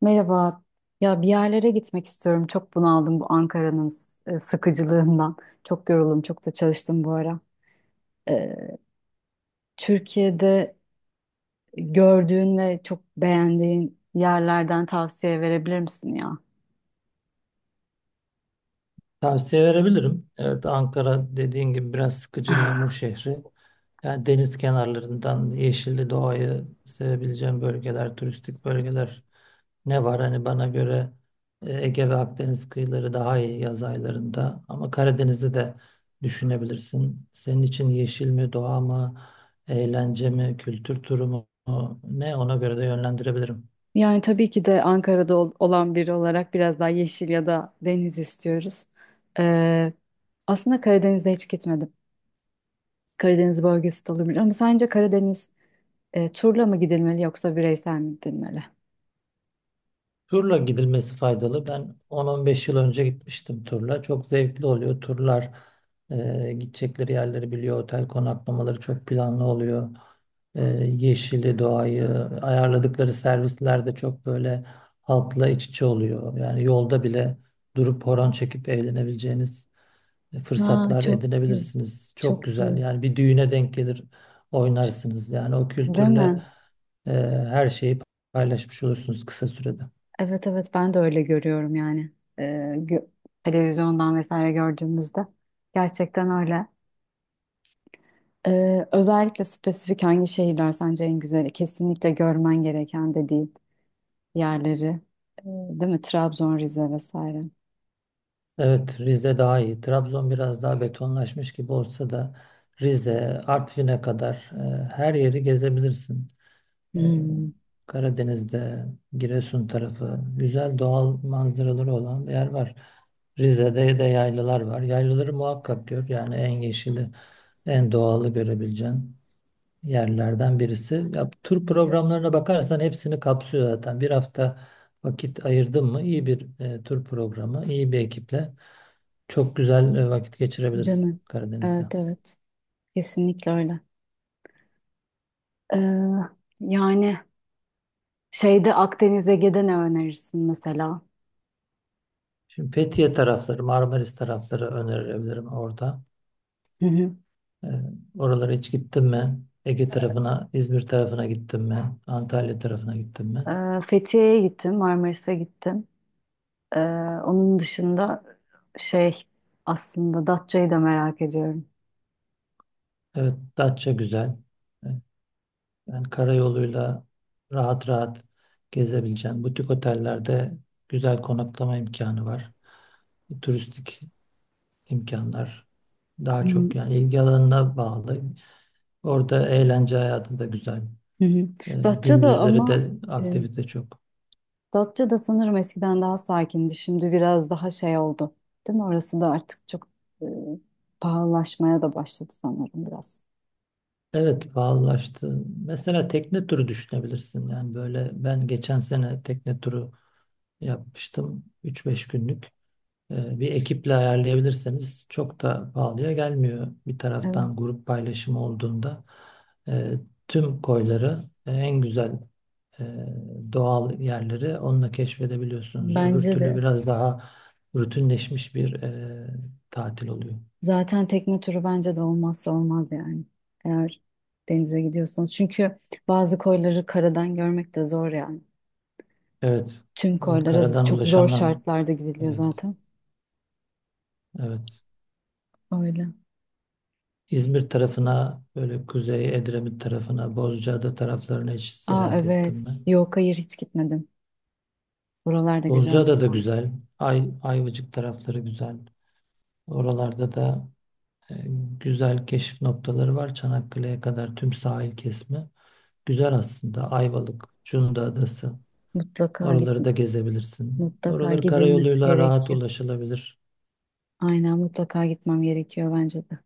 Merhaba. Ya bir yerlere gitmek istiyorum. Çok bunaldım bu Ankara'nın sıkıcılığından. Çok yoruldum. Çok da çalıştım bu ara. Ee, Türkiye'de gördüğün ve çok beğendiğin yerlerden tavsiye verebilir misin ya? Tavsiye verebilirim. Evet Ankara dediğin gibi biraz sıkıcı memur şehri. Yani deniz kenarlarından yeşilli doğayı sevebileceğim bölgeler, turistik bölgeler ne var? Hani bana göre Ege ve Akdeniz kıyıları daha iyi yaz aylarında. Ama Karadeniz'i de düşünebilirsin. Senin için yeşil mi, doğa mı, eğlence mi, kültür turu mu, ne ona göre de yönlendirebilirim. Yani tabii ki de Ankara'da olan biri olarak biraz daha yeşil ya da deniz istiyoruz. Ee, Aslında Karadeniz'de hiç gitmedim. Karadeniz bölgesi de olabilir ama sence Karadeniz turla mı gidilmeli yoksa bireysel mi gidilmeli? Turla gidilmesi faydalı. Ben 10-15 yıl önce gitmiştim turla. Çok zevkli oluyor. Turlar gidecekleri yerleri biliyor. Otel konaklamaları çok planlı oluyor. Yeşili, doğayı, ayarladıkları servisler de çok böyle halkla iç içe oluyor. Yani yolda bile durup horon çekip eğlenebileceğiniz Ha, fırsatlar çok güzel. edinebilirsiniz. Çok Çok güzel. iyi. Yani bir düğüne denk gelir oynarsınız. Yani o Değil kültürle mi? e, her şeyi paylaşmış olursunuz kısa sürede. Evet evet, ben de öyle görüyorum yani. Ee, gö- Televizyondan vesaire gördüğümüzde. Gerçekten öyle. Özellikle spesifik hangi şehirler sence en güzeli? Kesinlikle görmen gereken dediğin yerleri. Değil mi? Trabzon, Rize vesaire. Evet, Rize daha iyi. Trabzon biraz daha betonlaşmış gibi olsa da Rize, Artvin'e kadar her yeri gezebilirsin. E, Hmm. Karadeniz'de, Giresun tarafı güzel doğal manzaraları olan bir yer var. Rize'de de yaylalar var. Yaylaları muhakkak gör. Yani en yeşili, en doğalı görebileceğin yerlerden birisi. Ya, tur De- programlarına bakarsan hepsini kapsıyor zaten. Bir hafta vakit ayırdın mı, iyi bir tur programı, iyi bir ekiple. Çok güzel vakit Değil geçirebilirsin mi? Karadeniz'de. Evet evet. Kesinlikle öyle. Ee, Yani şeyde Akdeniz Ege'de ne önerirsin mesela? Şimdi Fethiye tarafları, Marmaris tarafları önerebilirim orada. Hı hı. E, Oralara hiç gittin mi? Ege tarafına, İzmir tarafına gittin mi? Antalya tarafına gittin mi? Fethiye'ye gittim, Marmaris'e gittim. Ee, Onun dışında şey, aslında Datça'yı da merak ediyorum. Evet, Datça güzel. E, Yani karayoluyla rahat rahat gezebileceğin butik otellerde güzel konaklama imkanı var. Turistik imkanlar Hı daha hı. çok yani ilgi alanına bağlı. Orada eğlence hayatı da güzel. Hı. Datça da Gündüzleri ama, de e, aktivite çok. Datça da sanırım eskiden daha sakindi. Şimdi biraz daha şey oldu. Değil mi? Orası da artık çok e, pahalılaşmaya da başladı sanırım biraz. Evet pahalılaştı. Mesela tekne turu düşünebilirsin. Yani böyle ben geçen sene tekne turu yapmıştım. Üç beş günlük. Bir ekiple ayarlayabilirseniz çok da pahalıya gelmiyor. Bir Evet. taraftan grup paylaşımı olduğunda e, tüm koyları, en güzel e, doğal yerleri onunla keşfedebiliyorsunuz. Öbür Bence türlü de. biraz daha rutinleşmiş bir tatil oluyor. Zaten tekne turu bence de olmazsa olmaz yani. Eğer denize gidiyorsanız. Çünkü bazı koyları karadan görmek de zor yani. Evet. Tüm koylara Karadan çok zor ulaşamam. şartlarda gidiliyor Evet. zaten. Evet. Öyle. İzmir tarafına, böyle Kuzey Edremit tarafına, Bozcaada taraflarına hiç Aa seyahat ettim evet. ben. Yok hayır, hiç gitmedim. Buralar da güzeldir. Bozcaada da güzel. Ayvacık tarafları güzel. Oralarda da e, güzel keşif noktaları var. Çanakkale'ye kadar tüm sahil kesimi. Güzel aslında. Ayvalık, Cunda Adası. Mutlaka git, Oraları da gezebilirsin. mutlaka Oraları gidilmesi karayoluyla rahat gerekiyor. ulaşılabilir. Aynen, mutlaka gitmem gerekiyor bence de.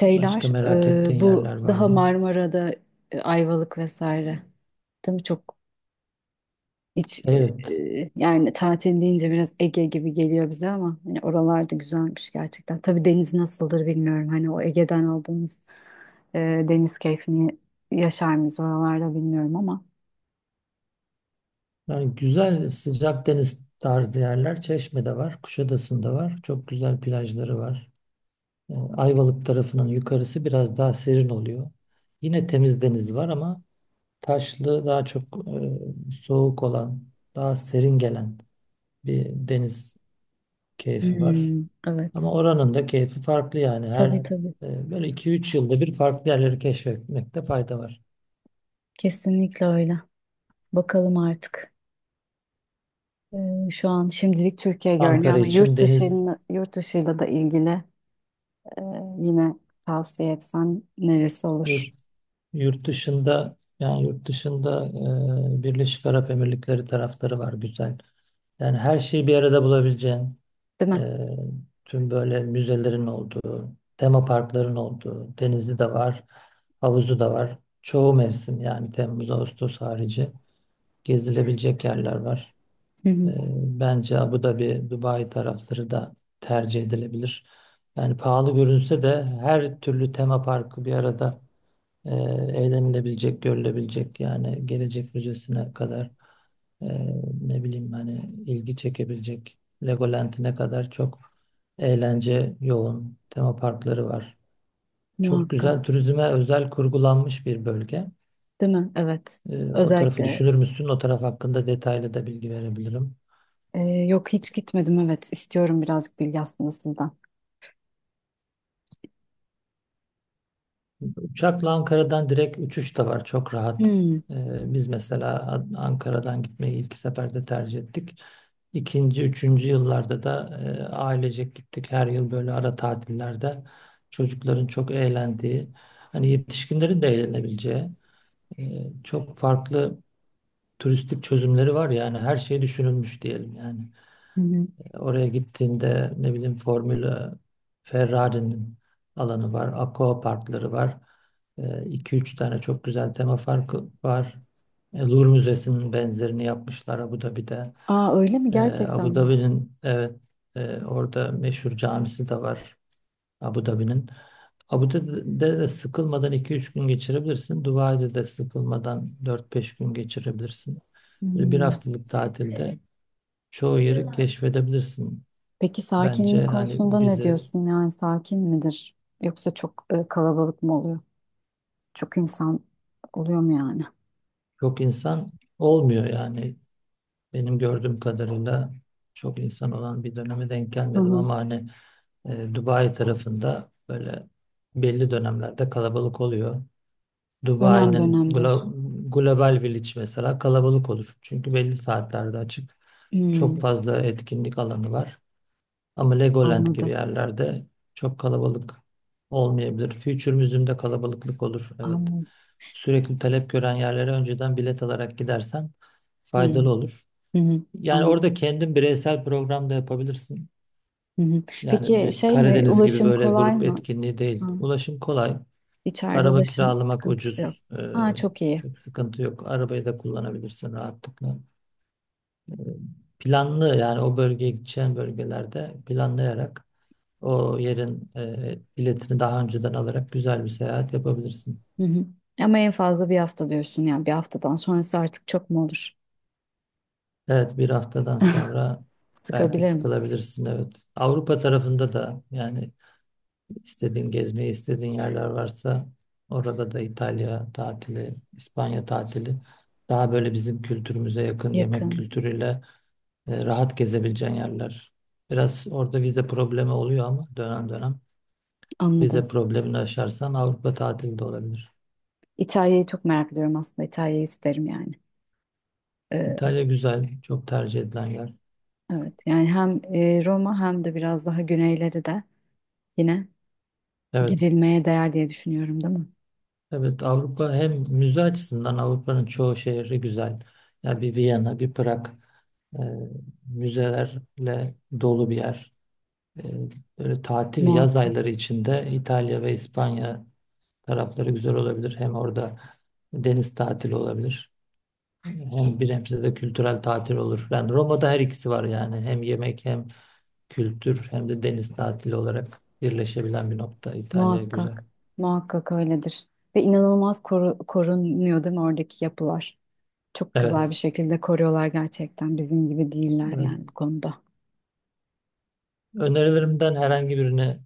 Başka merak ettiğin bu yerler var daha mı? Marmara'da Ayvalık vesaire. Değil mi? Çok hiç, e, Evet. Yani tatil deyince biraz Ege gibi geliyor bize ama hani oralar da güzelmiş gerçekten. Tabii deniz nasıldır bilmiyorum. Hani o Ege'den aldığımız e, deniz keyfini yaşar mıyız oralarda bilmiyorum ama. Yani güzel sıcak deniz tarzı yerler Çeşme'de var, Kuşadası'nda var. Çok güzel plajları var. Ayvalık tarafının yukarısı biraz daha serin oluyor. Yine temiz deniz var ama taşlı daha çok, soğuk olan, daha serin gelen bir deniz keyfi var. Hmm, Ama evet. oranın da keyfi farklı. Yani her Tabii, yani tabii. Böyle iki üç yılda bir farklı yerleri keşfetmekte fayda var. Kesinlikle öyle. Bakalım artık. Şu an şimdilik Türkiye görünüyor Ankara ama için yurt deniz, dışıyla, yurt dışıyla da ilgili, e, yine tavsiye etsen neresi yurt. olur? Yurt dışında, yani yurt dışında Birleşik Arap Emirlikleri tarafları var, güzel. Yani her şeyi bir arada bulabileceğin, Değil mi? e, tüm böyle müzelerin olduğu, tema parkların olduğu, denizi de var, havuzu da var. Çoğu mevsim, yani Temmuz, Ağustos harici gezilebilecek yerler var. Hı E, hı, Bence Abu Dhabi, Dubai tarafları da tercih edilebilir. Yani pahalı görünse de her türlü tema parkı bir arada, e, eğlenilebilecek, görülebilecek, yani gelecek müzesine kadar, e, ne bileyim hani ilgi çekebilecek Legoland'ine kadar çok eğlence yoğun tema parkları var. Çok muhakkak. güzel turizme özel kurgulanmış bir bölge. Değil mi? Evet. O tarafı Özellikle düşünür müsün? O taraf hakkında detaylı da bilgi verebilirim. Yok, hiç gitmedim. Evet. istiyorum birazcık bilgi aslında sizden. Uçakla Ankara'dan direkt uçuş da var. Çok rahat. Hmm, Biz mesela Ankara'dan gitmeyi ilk seferde tercih ettik. İkinci, üçüncü yıllarda da ailecek gittik. Her yıl böyle ara tatillerde çocukların çok eğlendiği, hani yetişkinlerin de eğlenebileceği çok farklı turistik çözümleri var, yani her şey düşünülmüş diyelim yani. hı hı. Oraya gittiğinde ne bileyim Formula Ferrari'nin alanı var. Aqua parkları var. İki üç tane çok güzel tema parkı var. Louvre Müzesi'nin benzerini yapmışlar Abu Dhabi'de. Aa öyle mi? Gerçekten Abu mi? Dhabi'nin, evet, orada meşhur camisi de var Abu Dhabi'nin. Abu Dhabi'de de sıkılmadan iki üç gün geçirebilirsin. Dubai'de de sıkılmadan dört beş gün geçirebilirsin. Böyle bir Hmm. haftalık tatilde çoğu yeri keşfedebilirsin. Peki sakinlik Bence hani konusunda ne bize diyorsun? Yani sakin midir? Yoksa çok kalabalık mı oluyor? Çok insan oluyor mu yani? çok insan olmuyor yani. Benim gördüğüm kadarıyla çok insan olan bir döneme denk Hı gelmedim hı. ama hani Dubai tarafında böyle belli dönemlerde kalabalık oluyor. Dönem Dubai'nin dönem diyorsun. glo- Global Village mesela kalabalık olur. Çünkü belli saatlerde açık. Çok Hmm, fazla etkinlik alanı var. Ama Legoland gibi anladım. yerlerde çok kalabalık olmayabilir. Future Museum'de kalabalıklık olur. Evet. Anladım. Sürekli talep gören yerlere önceden bilet alarak gidersen Hı faydalı hı. olur. Hı. Yani Anladım. orada kendin bireysel program da yapabilirsin. Hı hı. Yani Peki bir şey mi? Karadeniz gibi Ulaşım böyle kolay grup mı? etkinliği değil. Hı. Ulaşım kolay. İçeride Araba ulaşım kiralamak sıkıntısı yok. ucuz. Ee, Ha, çok iyi. çok sıkıntı yok. Arabayı da kullanabilirsin rahatlıkla. Ee, Planlı, yani o bölgeye, gideceğin bölgelerde planlayarak o yerin biletini daha önceden alarak güzel bir seyahat yapabilirsin. Hı hı. Ama en fazla bir hafta diyorsun yani bir haftadan sonrası artık çok mu olur? Evet, bir haftadan sonra belki Sıkabilir mi? sıkılabilirsin, evet. Avrupa tarafında da, yani istediğin gezmeyi istediğin yerler varsa, orada da İtalya tatili, İspanya tatili, daha böyle bizim kültürümüze yakın yemek Yakın. kültürüyle rahat gezebileceğin yerler. Biraz orada vize problemi oluyor ama dönem dönem Anladım. vize problemini aşarsan Avrupa tatili de olabilir. İtalya'yı çok merak ediyorum aslında. İtalya'yı isterim yani. Ee, İtalya güzel, çok tercih edilen yer. evet, yani hem Roma hem de biraz daha güneyleri de yine Evet. gidilmeye değer diye düşünüyorum, değil mi? Evet, Avrupa hem müze açısından, Avrupa'nın çoğu şehri güzel. Ya bir Viyana, bir Prag, e, müzelerle dolu bir yer. E, Böyle tatil yaz Muhakkak, ayları içinde İtalya ve İspanya tarafları güzel olabilir. Hem orada deniz tatili olabilir. Hem bir hemşire de kültürel tatil olur. Yani Roma'da her ikisi var yani. Hem yemek, hem kültür, hem de deniz tatili olarak birleşebilen bir nokta. İtalya güzel. muhakkak, muhakkak öyledir. Ve inanılmaz korunuyor değil mi oradaki yapılar? Çok güzel bir Evet. şekilde koruyorlar gerçekten. Bizim gibi değiller yani Evet. bu konuda. Önerilerimden herhangi birini,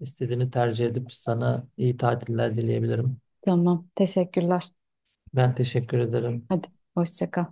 İstediğini tercih edip sana iyi tatiller dileyebilirim. Tamam, teşekkürler. Ben teşekkür ederim. Hadi, hoşça kal.